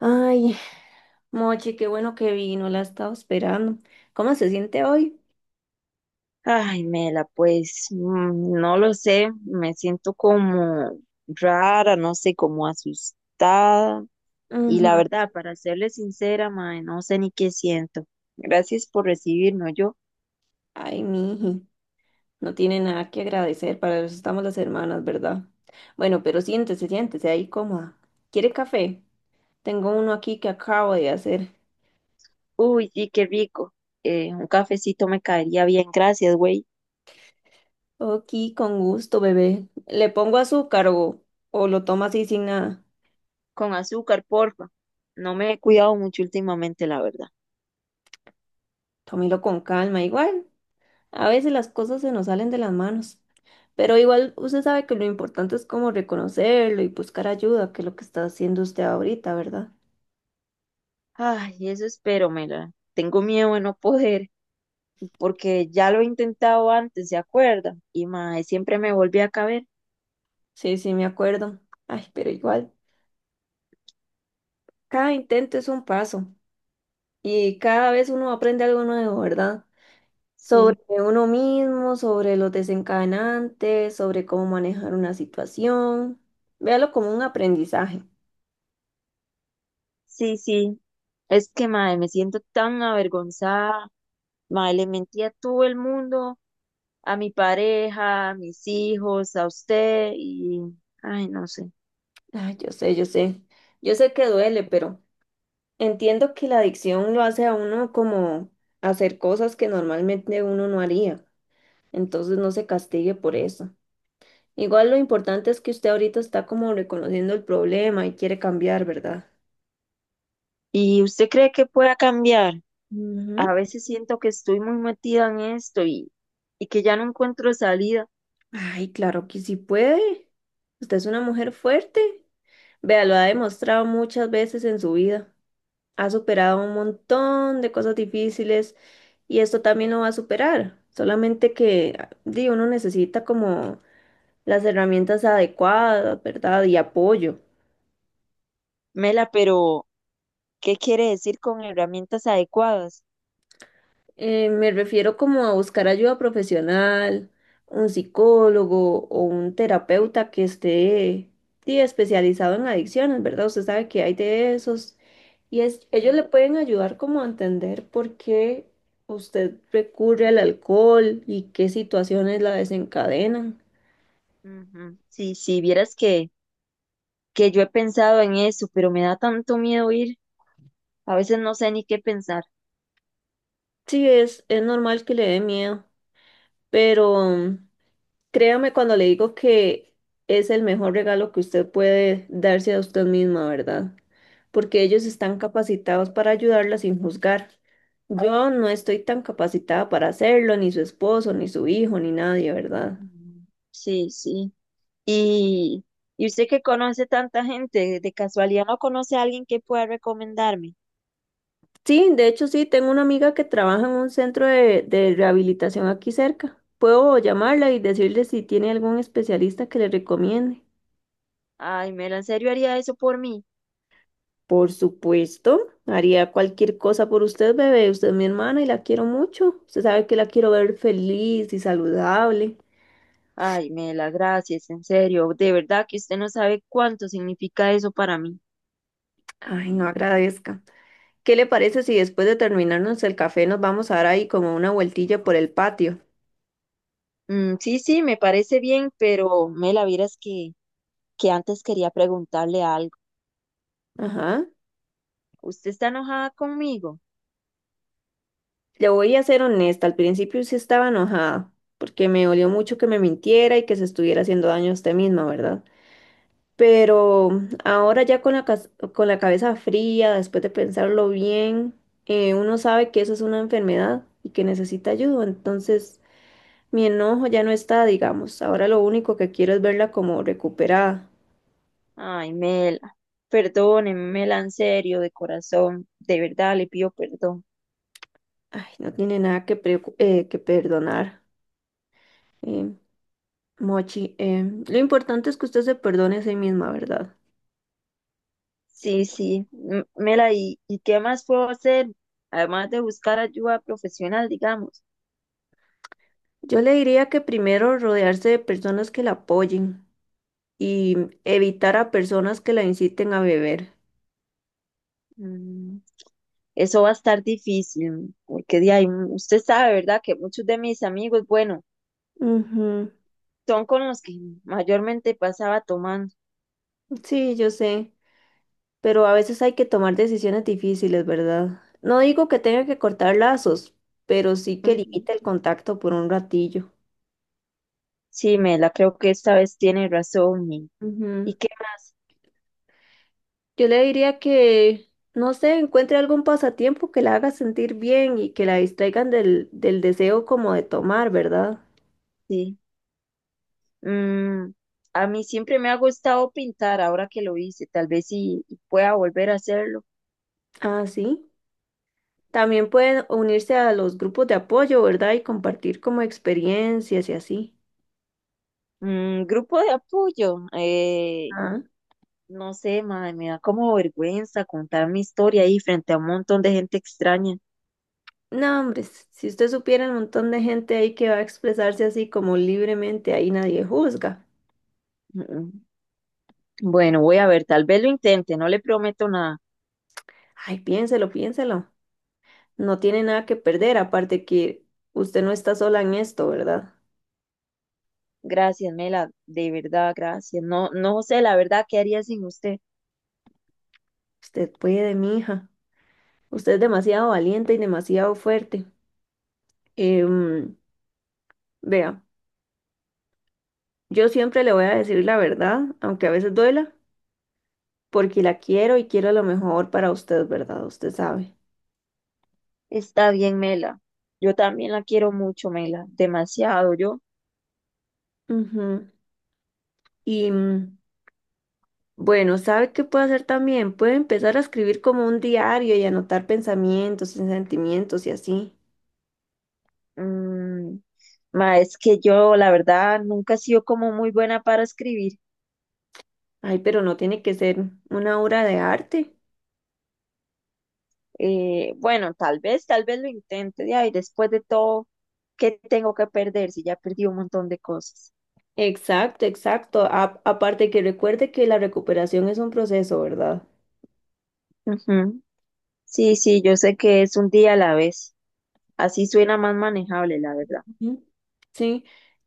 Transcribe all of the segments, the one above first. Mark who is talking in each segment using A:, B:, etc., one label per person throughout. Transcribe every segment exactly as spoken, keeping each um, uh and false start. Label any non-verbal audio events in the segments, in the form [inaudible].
A: Ay, Mochi, qué bueno que vino, la estaba esperando. ¿Cómo se siente hoy?
B: Ay, Mela, pues mm, no lo sé, me siento como rara, no sé, como asustada. Y la
A: Ujú.
B: verdad, para serle sincera, mae, no sé ni qué siento. Gracias por recibirme, yo.
A: Ay, miji, no tiene nada que agradecer, para eso estamos las hermanas, ¿verdad? Bueno, pero siéntese, siéntese ahí cómoda. ¿Quiere café? Tengo uno aquí que acabo de hacer.
B: Uy, sí, qué rico. Eh, un cafecito me caería bien, gracias, güey.
A: Ok, con gusto, bebé. ¿Le pongo azúcar o, o lo toma así sin nada?
B: Con azúcar, porfa. No me he cuidado mucho últimamente, la verdad.
A: Tómelo con calma, igual. A veces las cosas se nos salen de las manos, pero igual usted sabe que lo importante es como reconocerlo y buscar ayuda, que es lo que está haciendo usted ahorita, ¿verdad?
B: Ay, eso espero, Mela. Tengo miedo de no poder, porque ya lo he intentado antes, ¿se acuerda? Y mae, siempre me volví a caber.
A: Sí, sí, me acuerdo. Ay, pero igual, cada intento es un paso y cada vez uno aprende algo nuevo, ¿verdad? Sobre
B: Sí,
A: uno mismo, sobre los desencadenantes, sobre cómo manejar una situación. Véalo como un aprendizaje.
B: sí, sí. Es que mae, me siento tan avergonzada. Mae, le mentí a todo el mundo, a mi pareja, a mis hijos, a usted y, ay, no sé.
A: Ay, yo sé, yo sé. Yo sé que duele, pero entiendo que la adicción lo hace a uno como hacer cosas que normalmente uno no haría, entonces no se castigue por eso. Igual lo importante es que usted ahorita está como reconociendo el problema y quiere cambiar, ¿verdad?
B: ¿Y usted cree que pueda cambiar?
A: Ujú.
B: A veces siento que estoy muy metida en esto y, y que ya no encuentro salida.
A: Ay, claro que sí puede. Usted es una mujer fuerte. Vea, lo ha demostrado muchas veces en su vida. Ha superado un montón de cosas difíciles y esto también lo va a superar. Solamente que, di, uno necesita como las herramientas adecuadas, ¿verdad? Y apoyo.
B: Mela, pero ¿qué quiere decir con herramientas adecuadas?
A: Eh, me refiero como a buscar ayuda profesional, un psicólogo o un terapeuta que esté sí, especializado en adicciones, ¿verdad? Usted sabe que hay de esos y es, ellos le pueden ayudar como a entender por qué usted recurre al alcohol y qué situaciones la desencadenan.
B: Ujú. Sí, sí, vieras que, que yo he pensado en eso, pero me da tanto miedo ir. A veces no sé ni qué pensar.
A: Sí, es, es normal que le dé miedo, pero créame cuando le digo que es el mejor regalo que usted puede darse a usted misma, ¿verdad? Porque ellos están capacitados para ayudarla sin juzgar. Yo no estoy tan capacitada para hacerlo, ni su esposo, ni su hijo, ni nadie, ¿verdad?
B: Mm. Sí, sí. ¿Y, y usted que conoce tanta gente, de casualidad no conoce a alguien que pueda recomendarme?
A: Sí, de hecho sí, tengo una amiga que trabaja en un centro de, de rehabilitación aquí cerca. Puedo llamarla y decirle si tiene algún especialista que le recomiende.
B: Ay, Mela, ¿en serio haría eso por mí?
A: Por supuesto, haría cualquier cosa por usted, bebé. Usted es mi hermana y la quiero mucho. Usted sabe que la quiero ver feliz y saludable.
B: Ay, Mela, gracias, en serio. De verdad que usted no sabe cuánto significa eso para mí.
A: Ay, no agradezca. ¿Qué le parece si después de terminarnos el café nos vamos a dar ahí como una vueltilla por el patio?
B: Mm, sí, sí, me parece bien, pero Mela, vieras que, que antes quería preguntarle algo.
A: Ajá.
B: ¿Usted está enojada conmigo?
A: Le voy a ser honesta, al principio sí estaba enojada, porque me dolió mucho que me mintiera y que se estuviera haciendo daño a usted misma, ¿verdad? Pero ahora ya con la, cas- con la cabeza fría, después de pensarlo bien, eh, uno sabe que eso es una enfermedad y que necesita ayuda. Entonces, mi enojo ya no está, digamos. Ahora lo único que quiero es verla como recuperada.
B: Ay, Mela, perdóneme, Mela, en serio, de corazón, de verdad le pido perdón.
A: Ay, no tiene nada que, preocu- eh, que perdonar. eh, Mochi, Eh, lo importante es que usted se perdone a sí misma, ¿verdad?
B: Sí, sí, M- Mela, ¿y, y qué más puedo hacer? Además de buscar ayuda profesional, digamos.
A: Yo le diría que primero rodearse de personas que la apoyen y evitar a personas que la inciten a beber.
B: Mm, Eso va a estar difícil, porque de ahí, mm, usted sabe, ¿verdad? Que muchos de mis amigos, bueno,
A: Ujú.
B: son con los que mayormente pasaba tomando.
A: Sí, yo sé, pero a veces hay que tomar decisiones difíciles, ¿verdad? No digo que tenga que cortar lazos, pero sí que
B: Ujú.
A: limite el contacto por un ratillo.
B: Sí, Mela, creo que esta vez tiene razón. ¿Y, y
A: Ujú.
B: qué más?
A: Yo le diría que, no sé, encuentre algún pasatiempo que la haga sentir bien y que la distraigan del, del deseo como de tomar, ¿verdad?
B: Sí. Mm, a mí siempre me ha gustado pintar, ahora que lo hice, tal vez sí pueda volver a hacerlo.
A: Ah, sí. También pueden unirse a los grupos de apoyo, ¿verdad? Y compartir como experiencias y así.
B: Mm, grupo de apoyo, eh,
A: Ah.
B: no sé, mae, me da como vergüenza contar mi historia ahí frente a un montón de gente extraña.
A: No, hombre, s- si usted supiera el montón de gente ahí que va a expresarse así como libremente, ahí nadie juzga.
B: Mm, Bueno, voy a ver, tal vez lo intente, no le prometo nada.
A: Ay, piénselo, piénselo. No tiene nada que perder, aparte que usted no está sola en esto, ¿verdad?
B: Gracias, Mela, de verdad, gracias. No, no sé, la verdad, ¿qué haría sin usted?
A: Usted puede, mija. Usted es demasiado valiente y demasiado fuerte. Em, vea, yo siempre le voy a decir la verdad, aunque a veces duela, porque la quiero y quiero lo mejor para usted, ¿verdad? Usted sabe.
B: Está bien, Mela. Yo también la quiero mucho, Mela, demasiado yo.
A: Ujú. Y mm, Bueno, ¿sabe qué puede hacer también? Puede empezar a escribir como un diario y anotar pensamientos y sentimientos y así.
B: Mm, Ma, es que yo, la verdad, nunca he sido como muy buena para escribir.
A: Ay, pero no tiene que ser una obra de arte.
B: Eh, bueno, tal vez, tal vez lo intente, ya, y después de todo, ¿qué tengo que perder si ya perdí un montón de cosas?
A: Exacto, exacto. A- aparte que recuerde que la recuperación es un proceso, ¿verdad?
B: Ujú. Sí, sí, yo sé que es un día a la vez. Así suena más manejable, la verdad.
A: Ujú. Sí,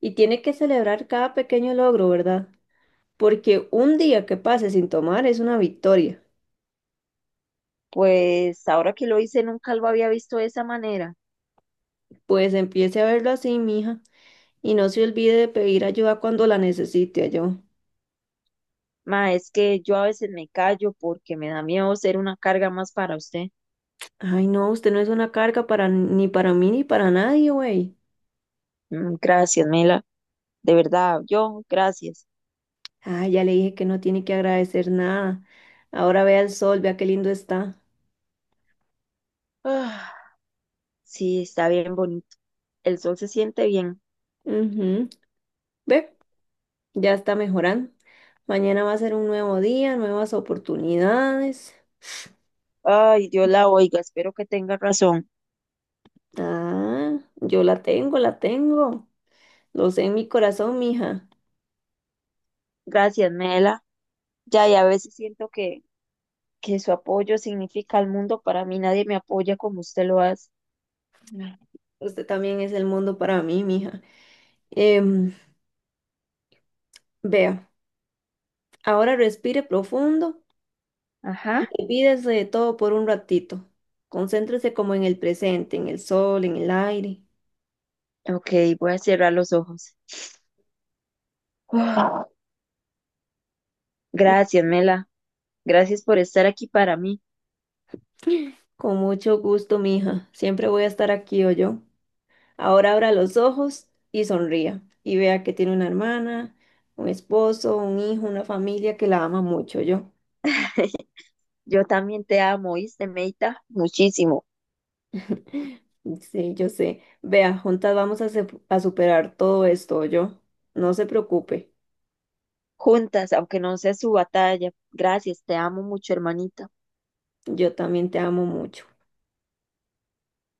A: y tiene que celebrar cada pequeño logro, ¿verdad? Porque un día que pase sin tomar es una victoria.
B: Pues ahora que lo hice, nunca lo había visto de esa manera.
A: Pues empiece a verlo así, mija, y no se olvide de pedir ayuda cuando la necesite, yo.
B: Ma, es que yo a veces me callo porque me da miedo ser una carga más para usted.
A: Ay, no, usted no es una carga para ni para mí ni para nadie, güey.
B: Mm, gracias, Mela. De verdad, yo, gracias.
A: Ah, ya le dije que no tiene que agradecer nada. Ahora vea el sol, vea qué lindo está.
B: Ah, sí, está bien bonito. El sol se siente bien.
A: Ujú. Ve, ya está mejorando. Mañana va a ser un nuevo día, nuevas oportunidades.
B: Ay, Dios la oiga, espero que tenga razón.
A: Ah, yo la tengo, la tengo. Lo sé en mi corazón, mija.
B: Gracias, Mela. Ya, y a veces siento que, que su apoyo significa al mundo. Para mí nadie me apoya como usted lo hace.
A: Usted también es el mundo para mí, mija. Em, vea, ahora respire profundo.
B: Ajá.
A: Olvídese de todo por un ratito. Concéntrese como en el presente, en el sol, en el aire.
B: Ok, voy a cerrar los ojos. Ah,
A: Mm,
B: gracias, Mela. Gracias por estar aquí para mí.
A: Con mucho gusto, mija. Siempre voy a estar aquí o yo. Ahora abra los ojos y sonría. Y vea que tiene una hermana, un esposo, un hijo, una familia que la ama mucho, yo.
B: [laughs] Yo también te amo, ¿oíste, Meita? Muchísimo.
A: Sí, yo sé. Vea, juntas vamos a, se- a superar todo esto, yo. No se preocupe.
B: Juntas, aunque no sea su batalla. Gracias, te amo mucho, hermanita.
A: Yo también te amo mucho.